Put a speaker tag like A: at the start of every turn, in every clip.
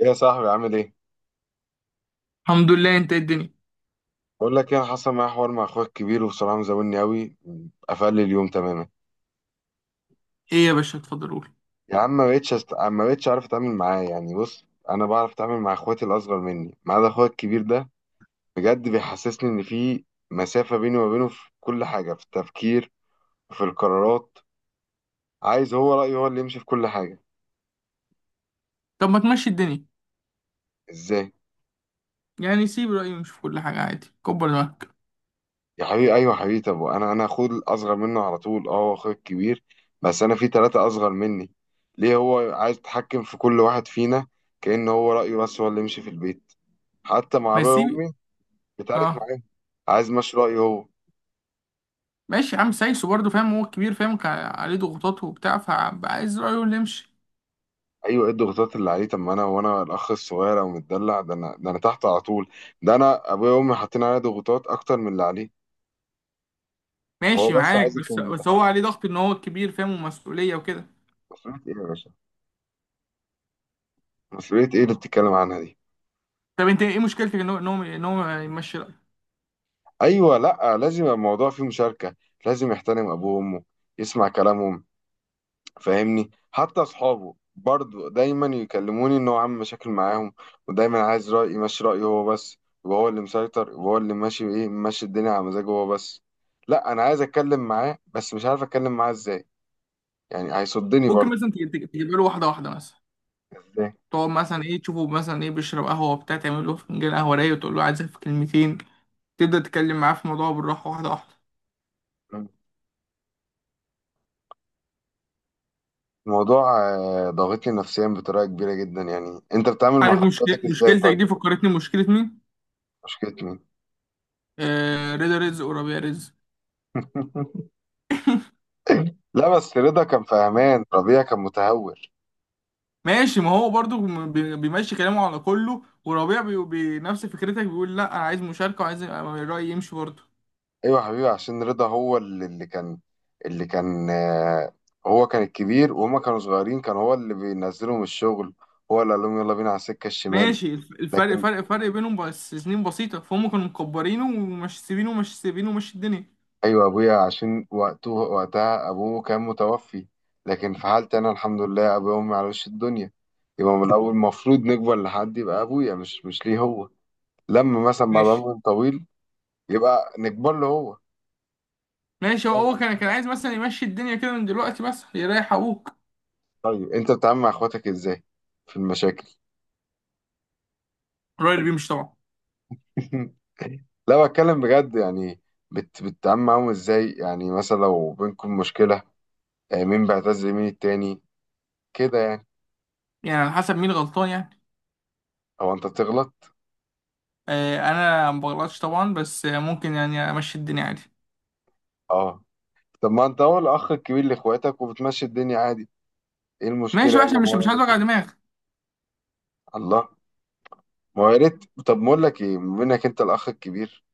A: ايه يا صاحبي، عامل ايه؟
B: الحمد لله، انت ايه الدنيا؟
A: بقول لك ايه، انا حصل معايا حوار مع اخويا الكبير وبصراحه مزولني قوي. قفل لي اليوم تماما.
B: ايه يا باشا، اتفضل قول.
A: يا عم، ما بقتش عارف اتعامل معاه. يعني بص، انا بعرف اتعامل مع اخواتي الاصغر مني ما عدا اخويا الكبير ده. بجد بيحسسني ان في مسافه بيني وما بينه، في كل حاجه، في التفكير، في القرارات. عايز هو رايه هو اللي يمشي في كل حاجه.
B: طب ما تمشي الدنيا.
A: ازاي؟
B: يعني سيب رأيه، مش في كل حاجة، عادي كبر دماغك.
A: يا حبيبي ايوه، يا حبيبي، طب انا اخوه الاصغر منه على طول، اه، هو اخويا الكبير. بس انا في ثلاثه اصغر مني. ليه هو عايز يتحكم في كل واحد فينا؟ كأن هو رايه بس هو اللي يمشي في البيت. حتى مع
B: ما
A: ابويا
B: سيب.
A: وامي بيتعارك
B: اه.
A: معاهم. عايز ماشي رايه هو.
B: ماشي يا عم سايسه برضه، فاهم هو الكبير فاهم، كان عليه ضغوطات وبتاع، فعايز رأيه اللي يمشي.
A: ايوه، ايه الضغوطات اللي عليه؟ طب ما انا وانا الاخ الصغير او متدلع، ده انا ده انا تحت على طول. ده انا ابويا وامي حاطين عليا ضغوطات اكتر من اللي عليه. هو
B: ماشي
A: بس
B: معاك،
A: عايز
B: بس
A: يكون
B: بس هو
A: متحكم.
B: عليه ضغط ان هو الكبير فاهم ومسؤولية وكده.
A: مسؤوليه ايه يا باشا؟ مسؤوليه ايه اللي بتتكلم عنها دي؟
B: طب انت ايه مشكلتك ان هو يمشي رأيه؟
A: ايوه، لا لازم يبقى الموضوع فيه مشاركه. لازم يحترم ابوه وامه، يسمع كلامهم. فاهمني، حتى اصحابه برضو دايما يكلموني ان هو عامل مشاكل معاهم. ودايما عايز رايي ماشي رايه هو بس. يبقى هو اللي مسيطر، يبقى هو اللي ماشي، ايه، ماشي الدنيا على مزاجه هو بس. لا، انا عايز اتكلم معاه بس مش عارف اتكلم معاه ازاي. يعني هيصدني
B: ممكن
A: برضو.
B: مثلا تجيب له واحدة واحدة مثلا.
A: ازاي؟
B: تقعد مثلا ايه، تشوفه مثلا ايه بيشرب قهوة وبتاع، تعمل له فنجان قهوة رايق وتقول له عايزك في كلمتين. تبدأ تتكلم معاه في الموضوع بالراحة، واحدة واحدة.
A: الموضوع ضاغطني نفسيا بطريقه كبيره جدا. يعني انت بتتعامل مع
B: عارف مشكلة
A: خطواتك ازاي
B: مشكلتك دي
A: طيب؟
B: فكرتني مشكلة مين؟
A: مشكلتي مين؟
B: آه، رضا رزق وربيع رزق.
A: لا، بس رضا كان فهمان، ربيع كان متهور.
B: ماشي، ما هو برضو بيمشي كلامه على كله، وربيع بنفس فكرتك بيقول لا انا عايز مشاركة وعايز رأيي يمشي برضو.
A: ايوه يا حبيبي، عشان رضا هو اللي كان، اللي كان، هو كان الكبير وهما كانوا صغيرين. كان هو اللي بينزلهم الشغل، هو اللي قال لهم يلا بينا على السكه الشمال.
B: ماشي، الف- الفرق
A: لكن
B: فرق فرق بينهم بس سنين بسيطة، فهم كانوا مكبرينه ومش سيبينه، ومشي الدنيا.
A: ايوه، ابويا عشان وقته، وقتها ابوه كان متوفي. لكن في حالتي انا، الحمد لله، ابويا وامي على وش الدنيا. يبقى من الاول المفروض نكبر لحد يبقى ابويا مش ليه هو، لما مثلا بعد
B: ماشي.
A: عمر طويل يبقى نكبر له.
B: ماشي، هو
A: هو.
B: هو كان عايز مثلا يمشي الدنيا كده من دلوقتي بس يريح ابوك.
A: طيب، انت بتتعامل مع اخواتك ازاي في المشاكل؟
B: الراجل اللي بيمشي طبعا.
A: لا، بتكلم بجد يعني. بتتعامل معاهم ازاي يعني؟ مثلا لو بينكم مشكلة، مين بيعتز مين التاني، كده يعني.
B: يعني على حسب مين غلطان يعني.
A: او انت بتغلط؟
B: آه، انا ما بغلطش طبعا، بس ممكن يعني امشي الدنيا عادي.
A: اه. طب ما انت هو الاخ الكبير لاخواتك وبتمشي الدنيا عادي، ايه
B: ماشي
A: المشكلة
B: بقى
A: يعني لما
B: عشان مش
A: هو
B: مش عايز
A: يعمل
B: اوجع
A: كده؟
B: دماغ.
A: الله. ما هو يا ريت. طب ما اقول لك ايه، بما انك انت الاخ الكبير،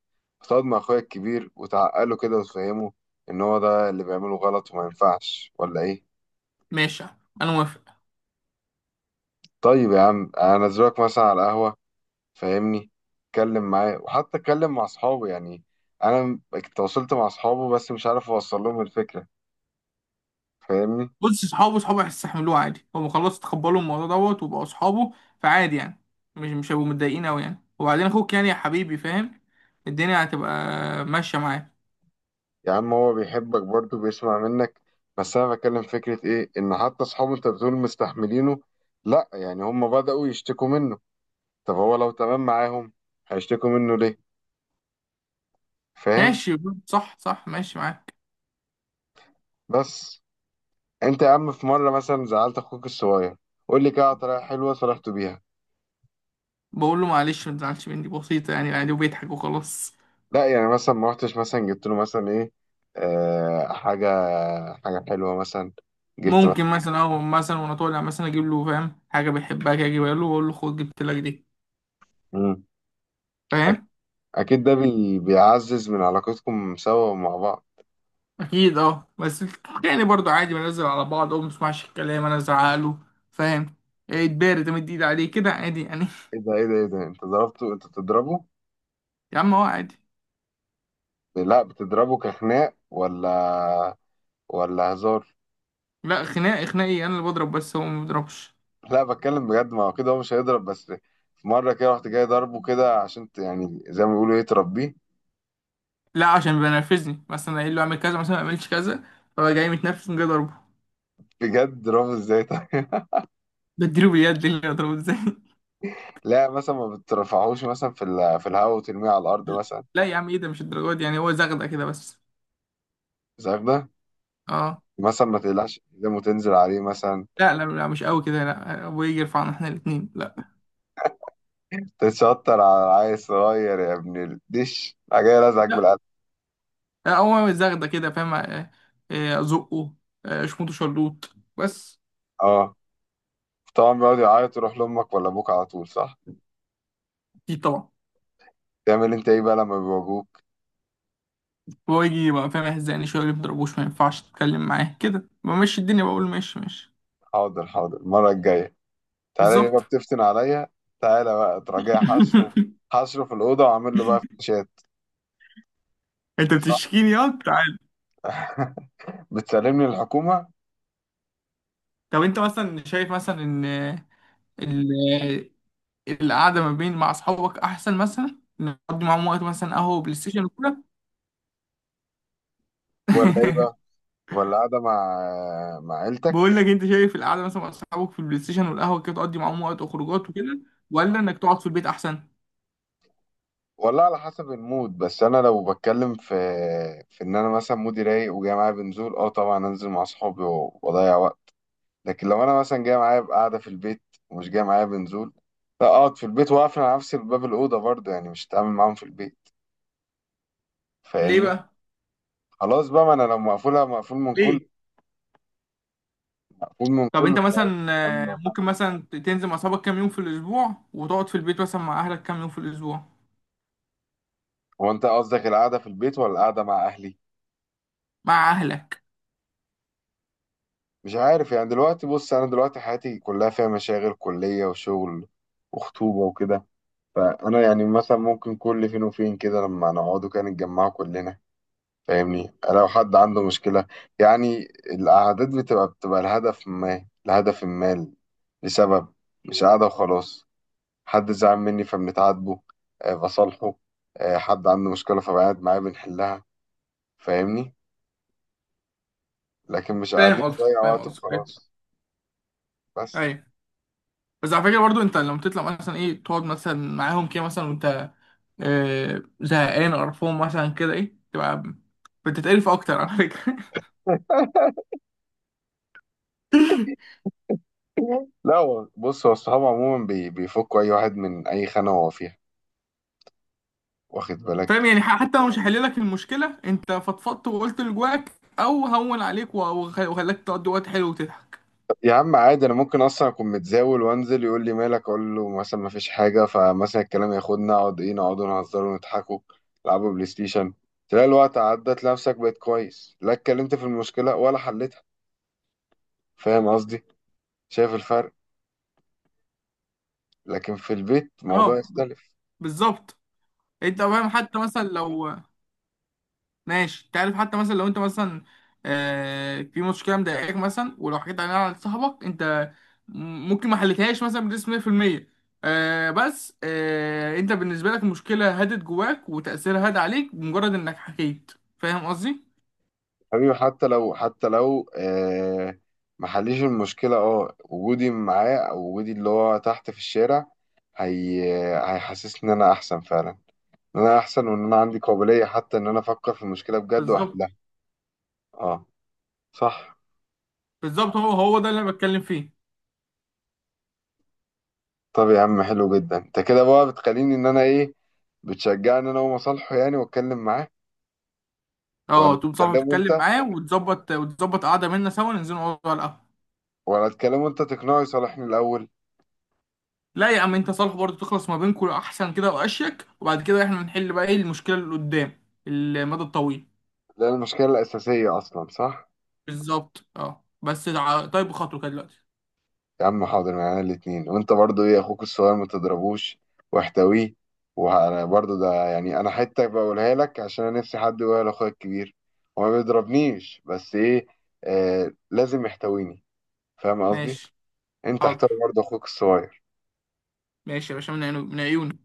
A: تقعد مع اخويا الكبير وتعقله كده وتفهمه ان هو ده اللي بيعمله غلط وما ينفعش، ولا ايه؟
B: ماشي، انا موافق.
A: طيب يا عم، انزلك مثلا على قهوة، فاهمني، اتكلم معاه، وحتى اتكلم مع اصحابه يعني. انا تواصلت مع اصحابه بس مش عارف اوصل لهم الفكره، فاهمني.
B: بص، صحابه صحابه هيستحملوه عادي، هم خلاص تقبلوا الموضوع دوت وبقوا صحابه، فعادي يعني. مش هيبقوا متضايقين قوي يعني، وبعدين اخوك يعني يا حبيبي فاهم، الدنيا هتبقى ماشيه معاه.
A: يا عم هو بيحبك برضه، بيسمع منك. بس انا بتكلم فكره ايه، ان حتى اصحابه انت بتقول مستحملينه. لا، يعني هم بداوا يشتكوا منه. طب هو لو تمام معاهم هيشتكوا منه ليه؟ فاهم.
B: ماشي. صح صح، ماشي معاك.
A: بس انت يا عم، في مره مثلا زعلت اخوك الصغير، قول لي كده على طريقه حلوه صلحته بيها.
B: بقول له معلش ما تزعلش مني، بسيطه يعني عادي، وبيضحك وخلاص.
A: لا، يعني مثلا ما رحتش مثلا جبت له مثلا ايه، آه، حاجة حلوة مثلا، جبت مثلا.
B: ممكن مثلا، او مثلا وانا طالع مثلا اجيب له، فاهم، حاجه بيحبها كده اجيبها له واقول له خد، جبت لك دي.
A: مم. أك-
B: فاهم.
A: أكيد ده بيعزز من علاقتكم سوا ومع بعض.
B: اكيد اه، بس يعني برضو عادي بنزل على بعض، اه ما بسمعش الكلام انا ازعقله، فاهم، اتبارد، تمد ايد عليه كده عادي يعني.
A: ايه ده ايه ده ايه ده، انت ضربته؟ انت بتضربه؟
B: يا عم هو عادي.
A: لا، بتضربه كخناق ولا، ولا هزار؟
B: لا، خناق، خناقي انا اللي بضرب بس هو ما بيضربش.
A: لا، بتكلم بجد. ما هو كده هو مش هيضرب، بس في مرة كده رحت جاي ضربه كده عشان يعني زي ما بيقولوا ايه، تربيه.
B: لا عشان بينرفزني، مثلا اقول له اعمل كذا مثلا ما اعملش كذا، فهو جاي متنرفز من اضربه.
A: بجد ضربه ازاي طيب؟
B: بديله باليد، إيه اللي اضربه ازاي؟
A: لا، مثلا ما بترفعهوش مثلا في الهواء وترميه على الأرض مثلا؟
B: لا يا عم ايه ده، مش الدرجات دي يعني، هو زغده كده بس.
A: مش عارف ده.
B: اه.
A: مثلا ما تقلعش قدامه وتنزل عليه مثلا؟
B: لا، مش قوي كده، لا ابويا يجي يرفعنا احنا الاثنين، لا.
A: تتشطر على العيل الصغير يا ابن الدش، راح جاي لازعك بالقلب.
B: هو الزغده كده فاهم، ازقه، اشمطه، شلوط بس.
A: اه، طبعا بيقعد يعيط يروح لامك ولا ابوك على طول، صح؟
B: دي طبعا.
A: تعمل انت ايه بقى لما بيواجهوك؟
B: هو يجي بقى فاهم يهزقني شويه، ما يضربوش، ما ينفعش تتكلم معاه كده، بمشي الدنيا، بقول ماشي ماشي.
A: حاضر حاضر المره الجايه، تعالى لي بقى،
B: بالظبط.
A: بتفتن عليا. تعالى بقى تراجع حشره، حشره في الاوضه وعامل له بقى فتوشات.
B: انت
A: صح.
B: بتشكيني، اه تعال.
A: بتسلمني الحكومه.
B: طب انت مثلا شايف مثلا ان ال- القعده ما بين مع اصحابك احسن، مثلا نقضي معاهم وقت مثلا قهوه وبلاي ستيشن وكده.
A: ولا ايه بقى، ولا قاعده مع مع عيلتك؟
B: بقول لك، انت شايف القعده مثلا مع اصحابك في البلاي ستيشن والقهوه كده، تقضي معاهم وقت وخروجات وكده، ولا انك تقعد في البيت احسن؟
A: والله على حسب المود. بس انا لو بتكلم في في ان انا مثلا مودي رايق وجاي معايا بنزول، اه طبعا انزل مع اصحابي واضيع وقت. لكن لو انا مثلا جاي معايا قاعده في البيت ومش جاي معايا بنزول، لا اقعد في البيت واقفل على نفسي باب الاوضه. برضه يعني مش هتعامل معاهم في البيت،
B: ليه
A: فاهمني.
B: بقى؟
A: خلاص بقى، ما انا لو مقفولها،
B: ليه؟
A: مقفول من
B: طب
A: كل،
B: انت
A: مش عارف
B: مثلا
A: أتعامل مع حد.
B: ممكن مثلا تنزل مع اصحابك كام يوم في الاسبوع، وتقعد في البيت مثلا مع اهلك كام يوم في الاسبوع.
A: هو انت قصدك القعده في البيت ولا القعده مع اهلي؟
B: مع اهلك.
A: مش عارف يعني. دلوقتي بص، انا دلوقتي حياتي كلها فيها مشاغل، كليه وشغل وخطوبه وكده. فانا يعني مثلا ممكن كل فين وفين كده لما نقعدوا كده نتجمعوا كلنا، فاهمني، لو حد عنده مشكله. يعني القعدات بتبقى لهدف ما، لهدف ما، لسبب، مش قاعده وخلاص. حد زعل مني فبنتعاتبه، بصالحه، حد عنده مشكله فبقعد معاه بنحلها، فاهمني. لكن مش
B: فاهم
A: قاعدين
B: قصدك،
A: نضيع
B: فاهم
A: وقت
B: قصدك، ايوه.
A: وخلاص. بس.
B: أيوة. بس على فكره برضو، انت لما تطلع مثلا ايه تقعد مثلا معاهم كده مثلا، وانت زهقان قرفان مثلا كده، ايه تبقى بتتقرف اكتر على فكره.
A: لا بص، هو الصحاب عموما بيفكوا اي واحد من اي خانه هو فيها، واخد
B: فاهم
A: بالك.
B: يعني، حتى لو مش هحل لك المشكله، انت فضفضت وقلت اللي جواك، او هون عليك وخلاك تقضي وقت حلو وتضحك.
A: يا عم عادي، انا ممكن اصلا اكون متزاول وانزل، يقول لي مالك، اقول له مثلا ما فيش حاجه، فمثلا الكلام ياخدنا، اقعد ايه، نقعدوا نهزروا ونضحكوا، نلعبوا بلاي ستيشن، تلاقي الوقت عدى، تلاقي نفسك بقيت كويس، لا اتكلمت في المشكله ولا حلتها. فاهم قصدي؟ شايف الفرق؟ لكن في البيت
B: اه
A: الموضوع يختلف.
B: بالظبط. انت فاهم، حتى مثلا لو، ماشي، انت عارف حتى مثلا لو انت مثلا آه في مشكله مضايقاك مثلا، ولو حكيت عليها لصاحبك انت، ممكن ما حلتهاش مثلا بنسبه 100%، آه بس آه انت بالنسبه لك المشكله هدت جواك وتاثيرها هاد عليك بمجرد انك حكيت. فاهم قصدي.
A: حبيبي، حتى لو ما حليش المشكله، اه، وجودي معاه او وجودي اللي هو تحت في الشارع، هي هيحسسني ان انا احسن فعلا. ان انا احسن وان انا عندي قابلية حتى ان انا افكر في المشكلة بجد
B: بالظبط.
A: واحلها. اه. صح.
B: بالظبط، هو ده اللي انا بتكلم فيه.
A: طب يا عم حلو جدا. انت كده بقى بتخليني ان انا ايه، بتشجعني انا ومصالحه، يعني واتكلم معاه. ولا
B: اه تقوم صاحبك
A: تكلمه
B: تتكلم
A: انت؟
B: معاه وتظبط، وتظبط قعده منا سوا ننزل نقعد على القهوه.
A: ولا تكلمه انت تقنعه يصالحني الاول؟
B: لا يا عم انت صالح برضه، تخلص ما بينكم احسن كده واشيك، وبعد كده احنا نحل بقى ايه المشكله اللي قدام، المدى الطويل.
A: ده المشكلة الاساسية اصلا، صح.
B: بالظبط اه، بس طيب خاطره كده دلوقتي.
A: يا عم حاضر، معانا الاتنين. وانت برضو ايه، اخوك الصغير ما تضربوش واحتويه. وانا برضو ده يعني، انا حتة بقولها لك عشان انا نفسي حد يقولها لاخويا الكبير. هو ما بيضربنيش بس ايه، آه، لازم يحتويني، فاهم قصدي.
B: ماشي.
A: انت احترم
B: حاضر.
A: برضه اخوك الصغير.
B: ماشي يا باشا، من عيونه، من عيوني.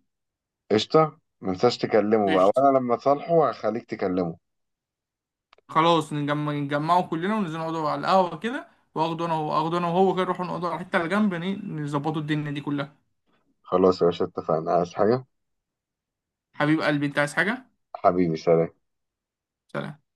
A: قشطه، ما تنساش تكلمه بقى،
B: قشطة.
A: وانا لما تصالحه هخليك تكلمه.
B: خلاص نجمع، نجمعه كلنا وننزل نقعدوا على القهوه كده، اخده انا وهو كده، نروح نقعدوا على حته على جنب، نظبطوا الدنيا دي كلها.
A: خلاص يا باشا، اتفقنا. عايز حاجه؟
B: حبيب قلبي، انت عايز حاجه؟
A: حبيبي، سلام.
B: سلام.